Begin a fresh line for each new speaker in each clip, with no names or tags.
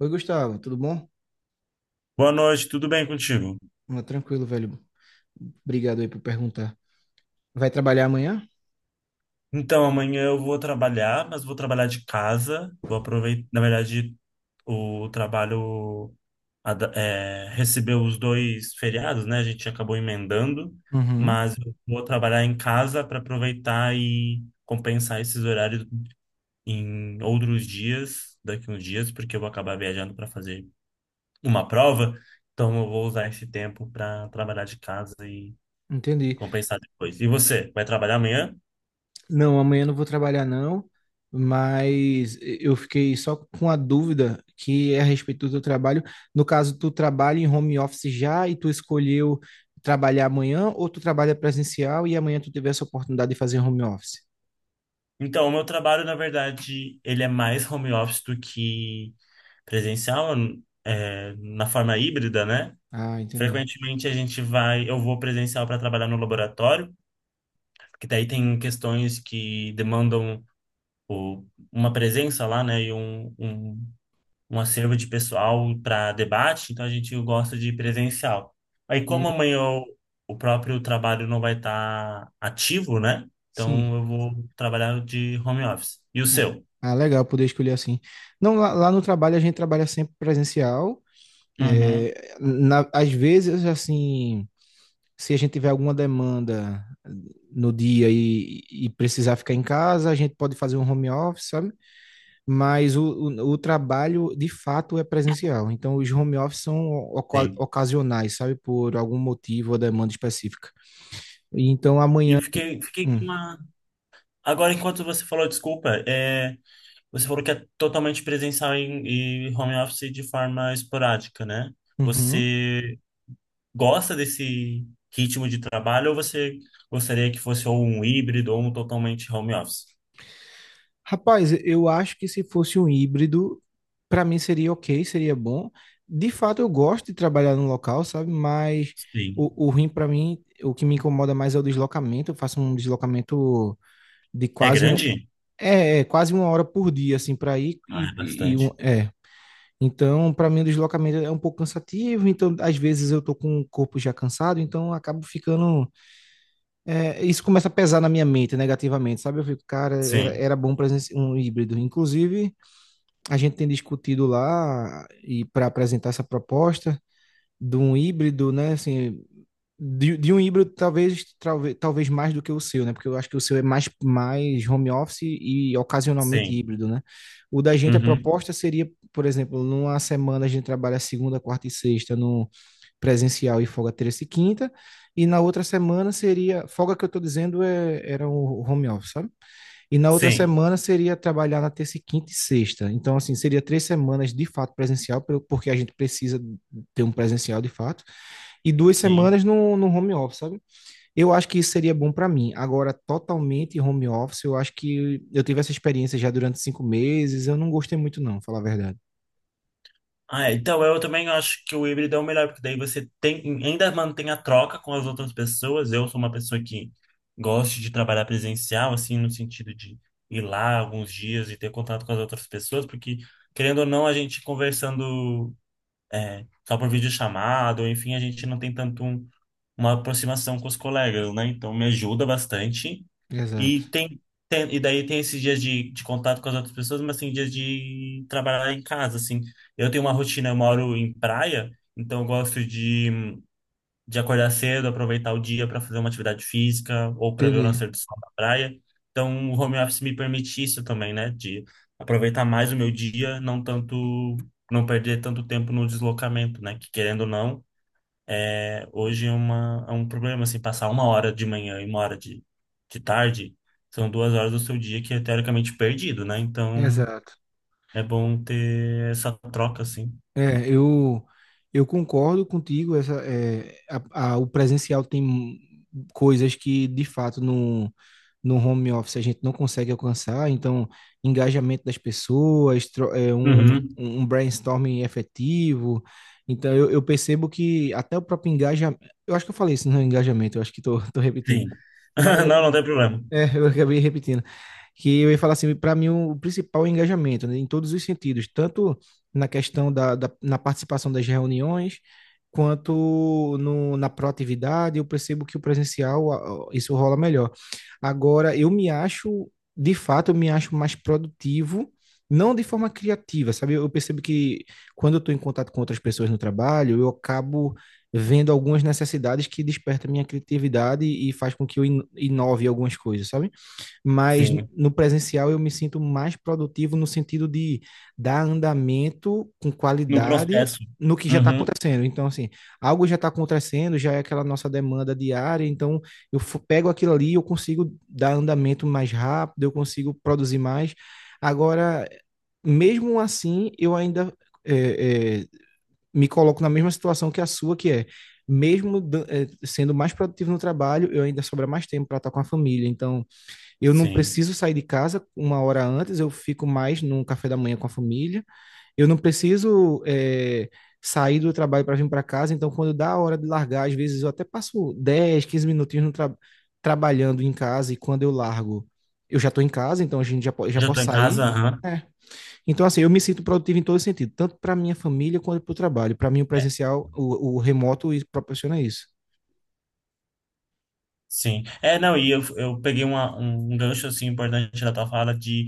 Oi, Gustavo, tudo bom?
Boa noite, tudo bem contigo?
Ah, tranquilo, velho. Obrigado aí por perguntar. Vai trabalhar amanhã?
Então, amanhã eu vou trabalhar, mas vou trabalhar de casa. Vou aproveitar, na verdade, o trabalho recebeu os dois feriados, né? A gente acabou emendando,
Uhum,
mas eu vou trabalhar em casa para aproveitar e compensar esses horários em outros dias, daqui uns dias, porque eu vou acabar viajando para fazer uma prova. Então, eu vou usar esse tempo para trabalhar de casa e
entendi.
compensar depois. E você, vai trabalhar amanhã?
Não, amanhã não vou trabalhar não, mas eu fiquei só com a dúvida que é a respeito do teu trabalho. No caso, tu trabalha em home office já e tu escolheu trabalhar amanhã ou tu trabalha presencial e amanhã tu teve essa oportunidade de fazer home office?
Então, o meu trabalho, na verdade, ele é mais home office do que presencial, na forma híbrida, né?
Ah, entendi.
Frequentemente a gente vai, eu vou presencial para trabalhar no laboratório, que daí tem questões que demandam o- uma presença lá, né? E um acervo de pessoal para debate, então a gente gosta de presencial. Aí,
Hum,
como o próprio trabalho não vai estar ativo, né?
sim.
Então eu vou trabalhar de home office. E o
Ah,
seu?
ah, legal poder escolher assim. Não, lá no trabalho a gente trabalha sempre presencial.
Uhum.
É, às vezes, assim, se a gente tiver alguma demanda no dia e precisar ficar em casa, a gente pode fazer um home office, sabe? Mas o trabalho, de fato, é presencial. Então, os home office são
Sim.
ocasionais, sabe? Por algum motivo ou demanda específica. Então, amanhã.
E fiquei
Hum,
com uma. Agora, enquanto você falou, desculpa, você falou que é totalmente presencial e home office de forma esporádica, né?
uhum.
Você gosta desse ritmo de trabalho ou você gostaria que fosse ou um híbrido ou um totalmente home office?
Rapaz, eu acho que se fosse um híbrido, para mim seria ok, seria bom. De fato, eu gosto de trabalhar no local, sabe? Mas o,
Sim.
o ruim para mim, o que me incomoda mais é o deslocamento. Eu faço um deslocamento de
É
quase um,
grande?
é, é, quase 1 hora por dia, assim, para ir.
Ah, é bastante.
Então, para mim, o deslocamento é um pouco cansativo. Então, às vezes eu tô com o corpo já cansado, então eu acabo ficando. Isso começa a pesar na minha mente negativamente, sabe? Eu fico, cara, era,
Sim,
era bom presença um híbrido, inclusive a gente tem discutido lá e para apresentar essa proposta de um híbrido, né? Assim, de um híbrido talvez mais do que o seu, né? Porque eu acho que o seu é mais home office e ocasionalmente
sim.
híbrido, né? O da gente a
Uhum.
proposta seria, por exemplo, numa semana a gente trabalha segunda, quarta e sexta no presencial e folga terça e quinta, e na outra semana seria folga que eu estou dizendo era o home office, sabe? E na outra
Sim,
semana seria trabalhar na terça, e quinta e sexta. Então, assim, seria 3 semanas de fato presencial, porque a gente precisa ter um presencial de fato, e duas
sim.
semanas no home office, sabe? Eu acho que isso seria bom para mim. Agora, totalmente home office, eu acho que eu tive essa experiência já durante 5 meses, eu não gostei muito, não, falar a verdade.
Ah, é, então eu também acho que o híbrido é o melhor, porque daí você tem, ainda mantém a troca com as outras pessoas. Eu sou uma pessoa que gosto de trabalhar presencial, assim, no sentido de ir lá alguns dias e ter contato com as outras pessoas, porque, querendo ou não, a gente conversando só por videochamada, ou enfim, a gente não tem tanto uma aproximação com os colegas, né? Então me ajuda bastante.
Exato.
E tem, e daí tem esses dias de contato com as outras pessoas, mas tem dias de trabalhar em casa, assim. Eu tenho uma rotina, eu moro em praia, então eu gosto de acordar cedo, aproveitar o dia para fazer uma atividade física ou para ver o
Entendi.
nascer do sol na praia. Então o home office me permite isso também, né? De aproveitar mais o meu dia, não tanto, não perder tanto tempo no deslocamento, né? Que querendo ou não é um problema, assim, passar uma hora de manhã e uma hora de tarde são duas horas do seu dia que é teoricamente perdido, né? Então
Exato.
é bom ter essa troca, assim.
É, eu concordo contigo. Essa, é, a- o presencial tem coisas que, de fato, no home office a gente não consegue alcançar. Então, engajamento das pessoas, tro- é, um,
Uhum.
um brainstorming efetivo. Então, eu percebo que até o próprio engajamento. Eu acho que eu falei isso no engajamento, eu acho que estou repetindo.
Sim.
Mas
Não, não tem problema.
eu acabei repetindo. Que eu ia falar assim, para mim o principal é o engajamento, né, em todos os sentidos, tanto na questão da, da na participação das reuniões, quanto no, na proatividade, eu percebo que o presencial isso rola melhor. Agora, eu me acho, de fato, eu me acho mais produtivo, não de forma criativa, sabe? Eu percebo que quando eu estou em contato com outras pessoas no trabalho, eu acabo vendo algumas necessidades que desperta minha criatividade e faz com que eu inove algumas coisas, sabe? Mas
Sim.
no presencial eu me sinto mais produtivo no sentido de dar andamento com
No
qualidade
processo.
no que já está
Uhum.
acontecendo. Então, assim, algo já está acontecendo, já é aquela nossa demanda diária, então eu pego aquilo ali e eu consigo dar andamento mais rápido, eu consigo produzir mais. Agora, mesmo assim, eu ainda é, é, me coloco na mesma situação que a sua, que é, mesmo sendo mais produtivo no trabalho, eu ainda sobra mais tempo para estar com a família. Então, eu não
Sim.
preciso sair de casa 1 hora antes, eu fico mais num café da manhã com a família. Eu não preciso sair do trabalho para vir para casa. Então, quando dá a hora de largar, às vezes eu até passo 10, 15 minutinhos no trabalhando em casa e quando eu largo, eu já estou em casa, então a gente já, po já
Já tô
posso
em casa,
sair.
aham.
É, então, assim, eu me sinto produtivo em todo sentido, tanto para minha família quanto para o trabalho. Para mim, o presencial, o remoto e proporciona isso.
Sim. É, não, e eu peguei um gancho, assim, importante da tua fala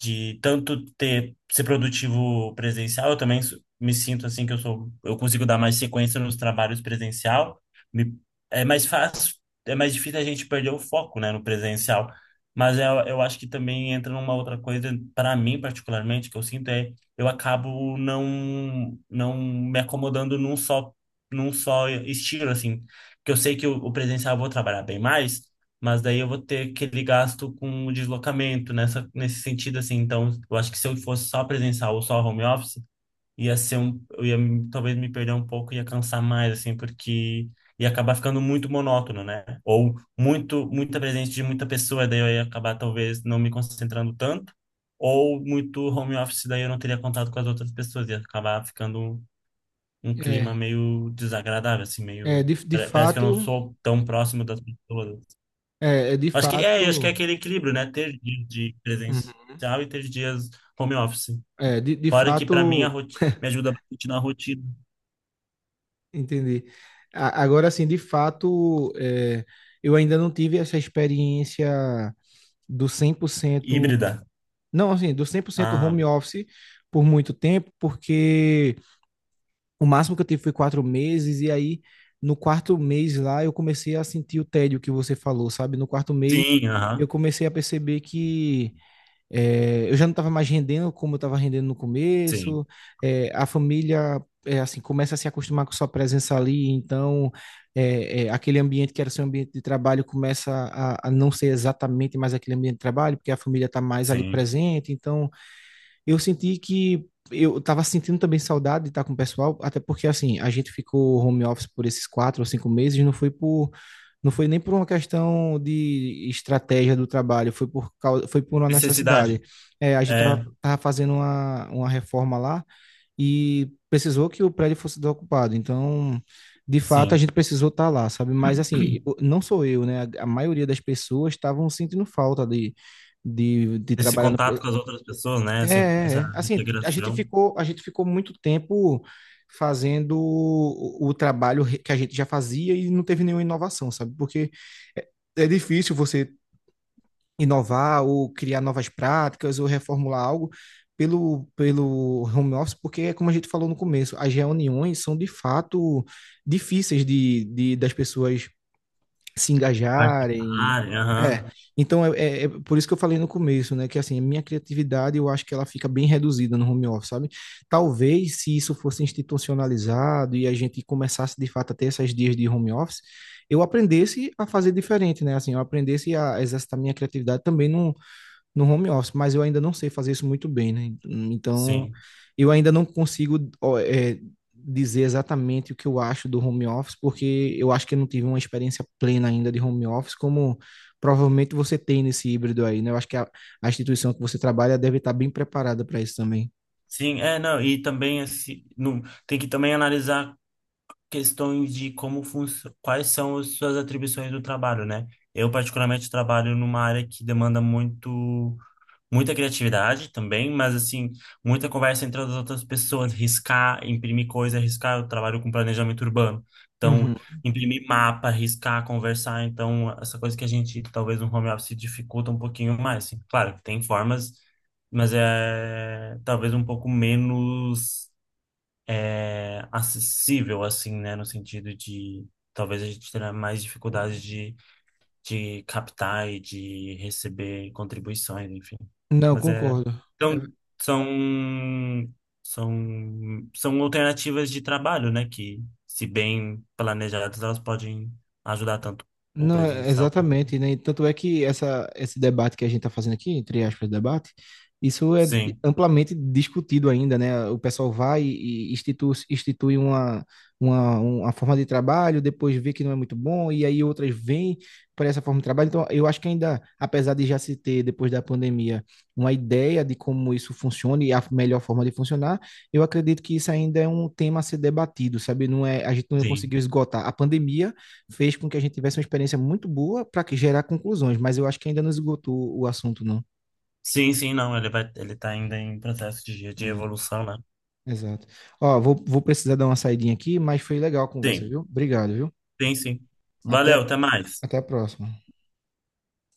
de tanto ter ser produtivo presencial, eu também me sinto assim que eu sou, eu consigo dar mais sequência nos trabalhos presencial. Me- É mais fácil, é mais difícil a gente perder o foco, né, no presencial. Mas eu acho que também entra numa outra coisa, para mim particularmente, que eu sinto é eu acabo não me acomodando num só estilo assim, que eu sei que o presencial eu vou trabalhar bem mais, mas daí eu vou ter aquele gasto com o deslocamento nessa, nesse sentido, assim. Então, eu acho que se eu fosse só presencial ou só home office, ia ser um, eu talvez me perder um pouco, ia cansar mais, assim, porque ia acabar ficando muito monótono, né? Ou muito, muita presença de muita pessoa, daí eu ia acabar talvez não me concentrando tanto. Ou muito home office, daí eu não teria contato com as outras pessoas, ia acabar ficando um clima
É,
meio desagradável, assim,
é
meio.
de
Parece que eu não
fato,
sou tão próximo das pessoas.
é de
Acho que é
fato,
aquele equilíbrio, né? Ter dias de
uhum,
presencial e ter dias home office.
de
Fora que para mim
fato,
me ajuda bastante na rotina
entendi. Agora, assim, de fato, eu ainda não tive essa experiência do 100%
híbrida.
não, assim, do 100%
Ah,
home office por muito tempo, porque o máximo que eu tive foi 4 meses, e aí no quarto mês lá eu comecei a sentir o tédio que você falou, sabe? No quarto mês
sim,
eu
aham,
comecei a perceber que eu já não estava mais rendendo como eu estava rendendo no
sim,
começo, a família assim começa a se acostumar com sua presença ali, então aquele ambiente que era seu ambiente de trabalho começa a não ser exatamente mais aquele ambiente de trabalho, porque a família está mais ali
sim.
presente, então eu senti que eu tava sentindo também saudade de estar com o pessoal, até porque assim, a gente ficou home office por esses 4 ou 5 meses, não foi por, não foi nem por uma questão de estratégia do trabalho, foi por causa, foi por uma
Necessidade.
necessidade. É, a gente
É,
tava fazendo uma reforma lá e precisou que o prédio fosse desocupado, então de fato a
sim.
gente precisou estar lá, sabe? Mas assim, eu- não sou eu, né? A maioria das pessoas estavam sentindo falta de
Esse
trabalhar no,
contato com as outras pessoas, né?
é,
Assim,
é,
essa
é. Assim,
integração,
a gente ficou muito tempo fazendo o trabalho que a gente já fazia e não teve nenhuma inovação, sabe? Porque é, é difícil você inovar ou criar novas práticas ou reformular algo pelo home office, porque é como a gente falou no começo, as reuniões são de fato difíceis de das pessoas se engajarem.
participar, aham,
É, então, é por isso que eu falei no começo, né, que assim, a minha criatividade eu acho que ela fica bem reduzida no home office, sabe? Talvez se isso fosse institucionalizado e a gente começasse de fato a ter esses dias de home office, eu aprendesse a fazer diferente, né? Assim, eu aprendesse a exercitar minha criatividade também num, no home office, mas eu ainda não sei fazer isso muito bem, né? Então,
sim.
eu ainda não consigo dizer exatamente o que eu acho do home office, porque eu acho que eu não tive uma experiência plena ainda de home office, como provavelmente você tem nesse híbrido aí, né? Eu acho que a instituição que você trabalha deve estar bem preparada para isso também.
Sim, e também esse, não, tem que também analisar questões de como quais são as suas atribuições do trabalho, né? Eu particularmente trabalho numa área que demanda muito muita criatividade também, mas assim, muita conversa entre as outras pessoas, riscar, imprimir coisa, riscar, eu trabalho com planejamento urbano. Então,
Uhum.
imprimir mapa, riscar, conversar, então essa coisa que a gente talvez no home office dificulta um pouquinho mais, assim. Claro que tem formas, mas é talvez um pouco menos acessível, assim, né? No sentido de talvez a gente terá mais dificuldade de captar e de receber contribuições, enfim.
Não,
Mas é.
concordo.
Então, são, são alternativas de trabalho, né? Que, se bem planejadas, elas podem ajudar tanto o
Não, é-
presencial. Quanto.
exatamente, né? E tanto é que essa, esse debate que a gente está fazendo aqui, entre aspas, debate, isso é
Sim,
amplamente discutido ainda, né? O pessoal vai e institui, institui uma forma de trabalho, depois vê que não é muito bom, e aí outras vêm para essa forma de trabalho. Então, eu acho que ainda, apesar de já se ter, depois da pandemia, uma ideia de como isso funciona e a melhor forma de funcionar, eu acredito que isso ainda é um tema a ser debatido, sabe? Não é, a gente não
sim.
conseguiu esgotar. A pandemia fez com que a gente tivesse uma experiência muito boa para gerar conclusões, mas eu acho que ainda não esgotou o assunto, não.
Sim, sim, não. Ele vai, ele tá ainda em processo de
É,
evolução, né?
exato. Ó, vou precisar dar uma saidinha aqui, mas foi legal a conversa,
Sim,
viu? Obrigado, viu?
sim, sim.
Até,
Valeu, até mais.
até a próxima.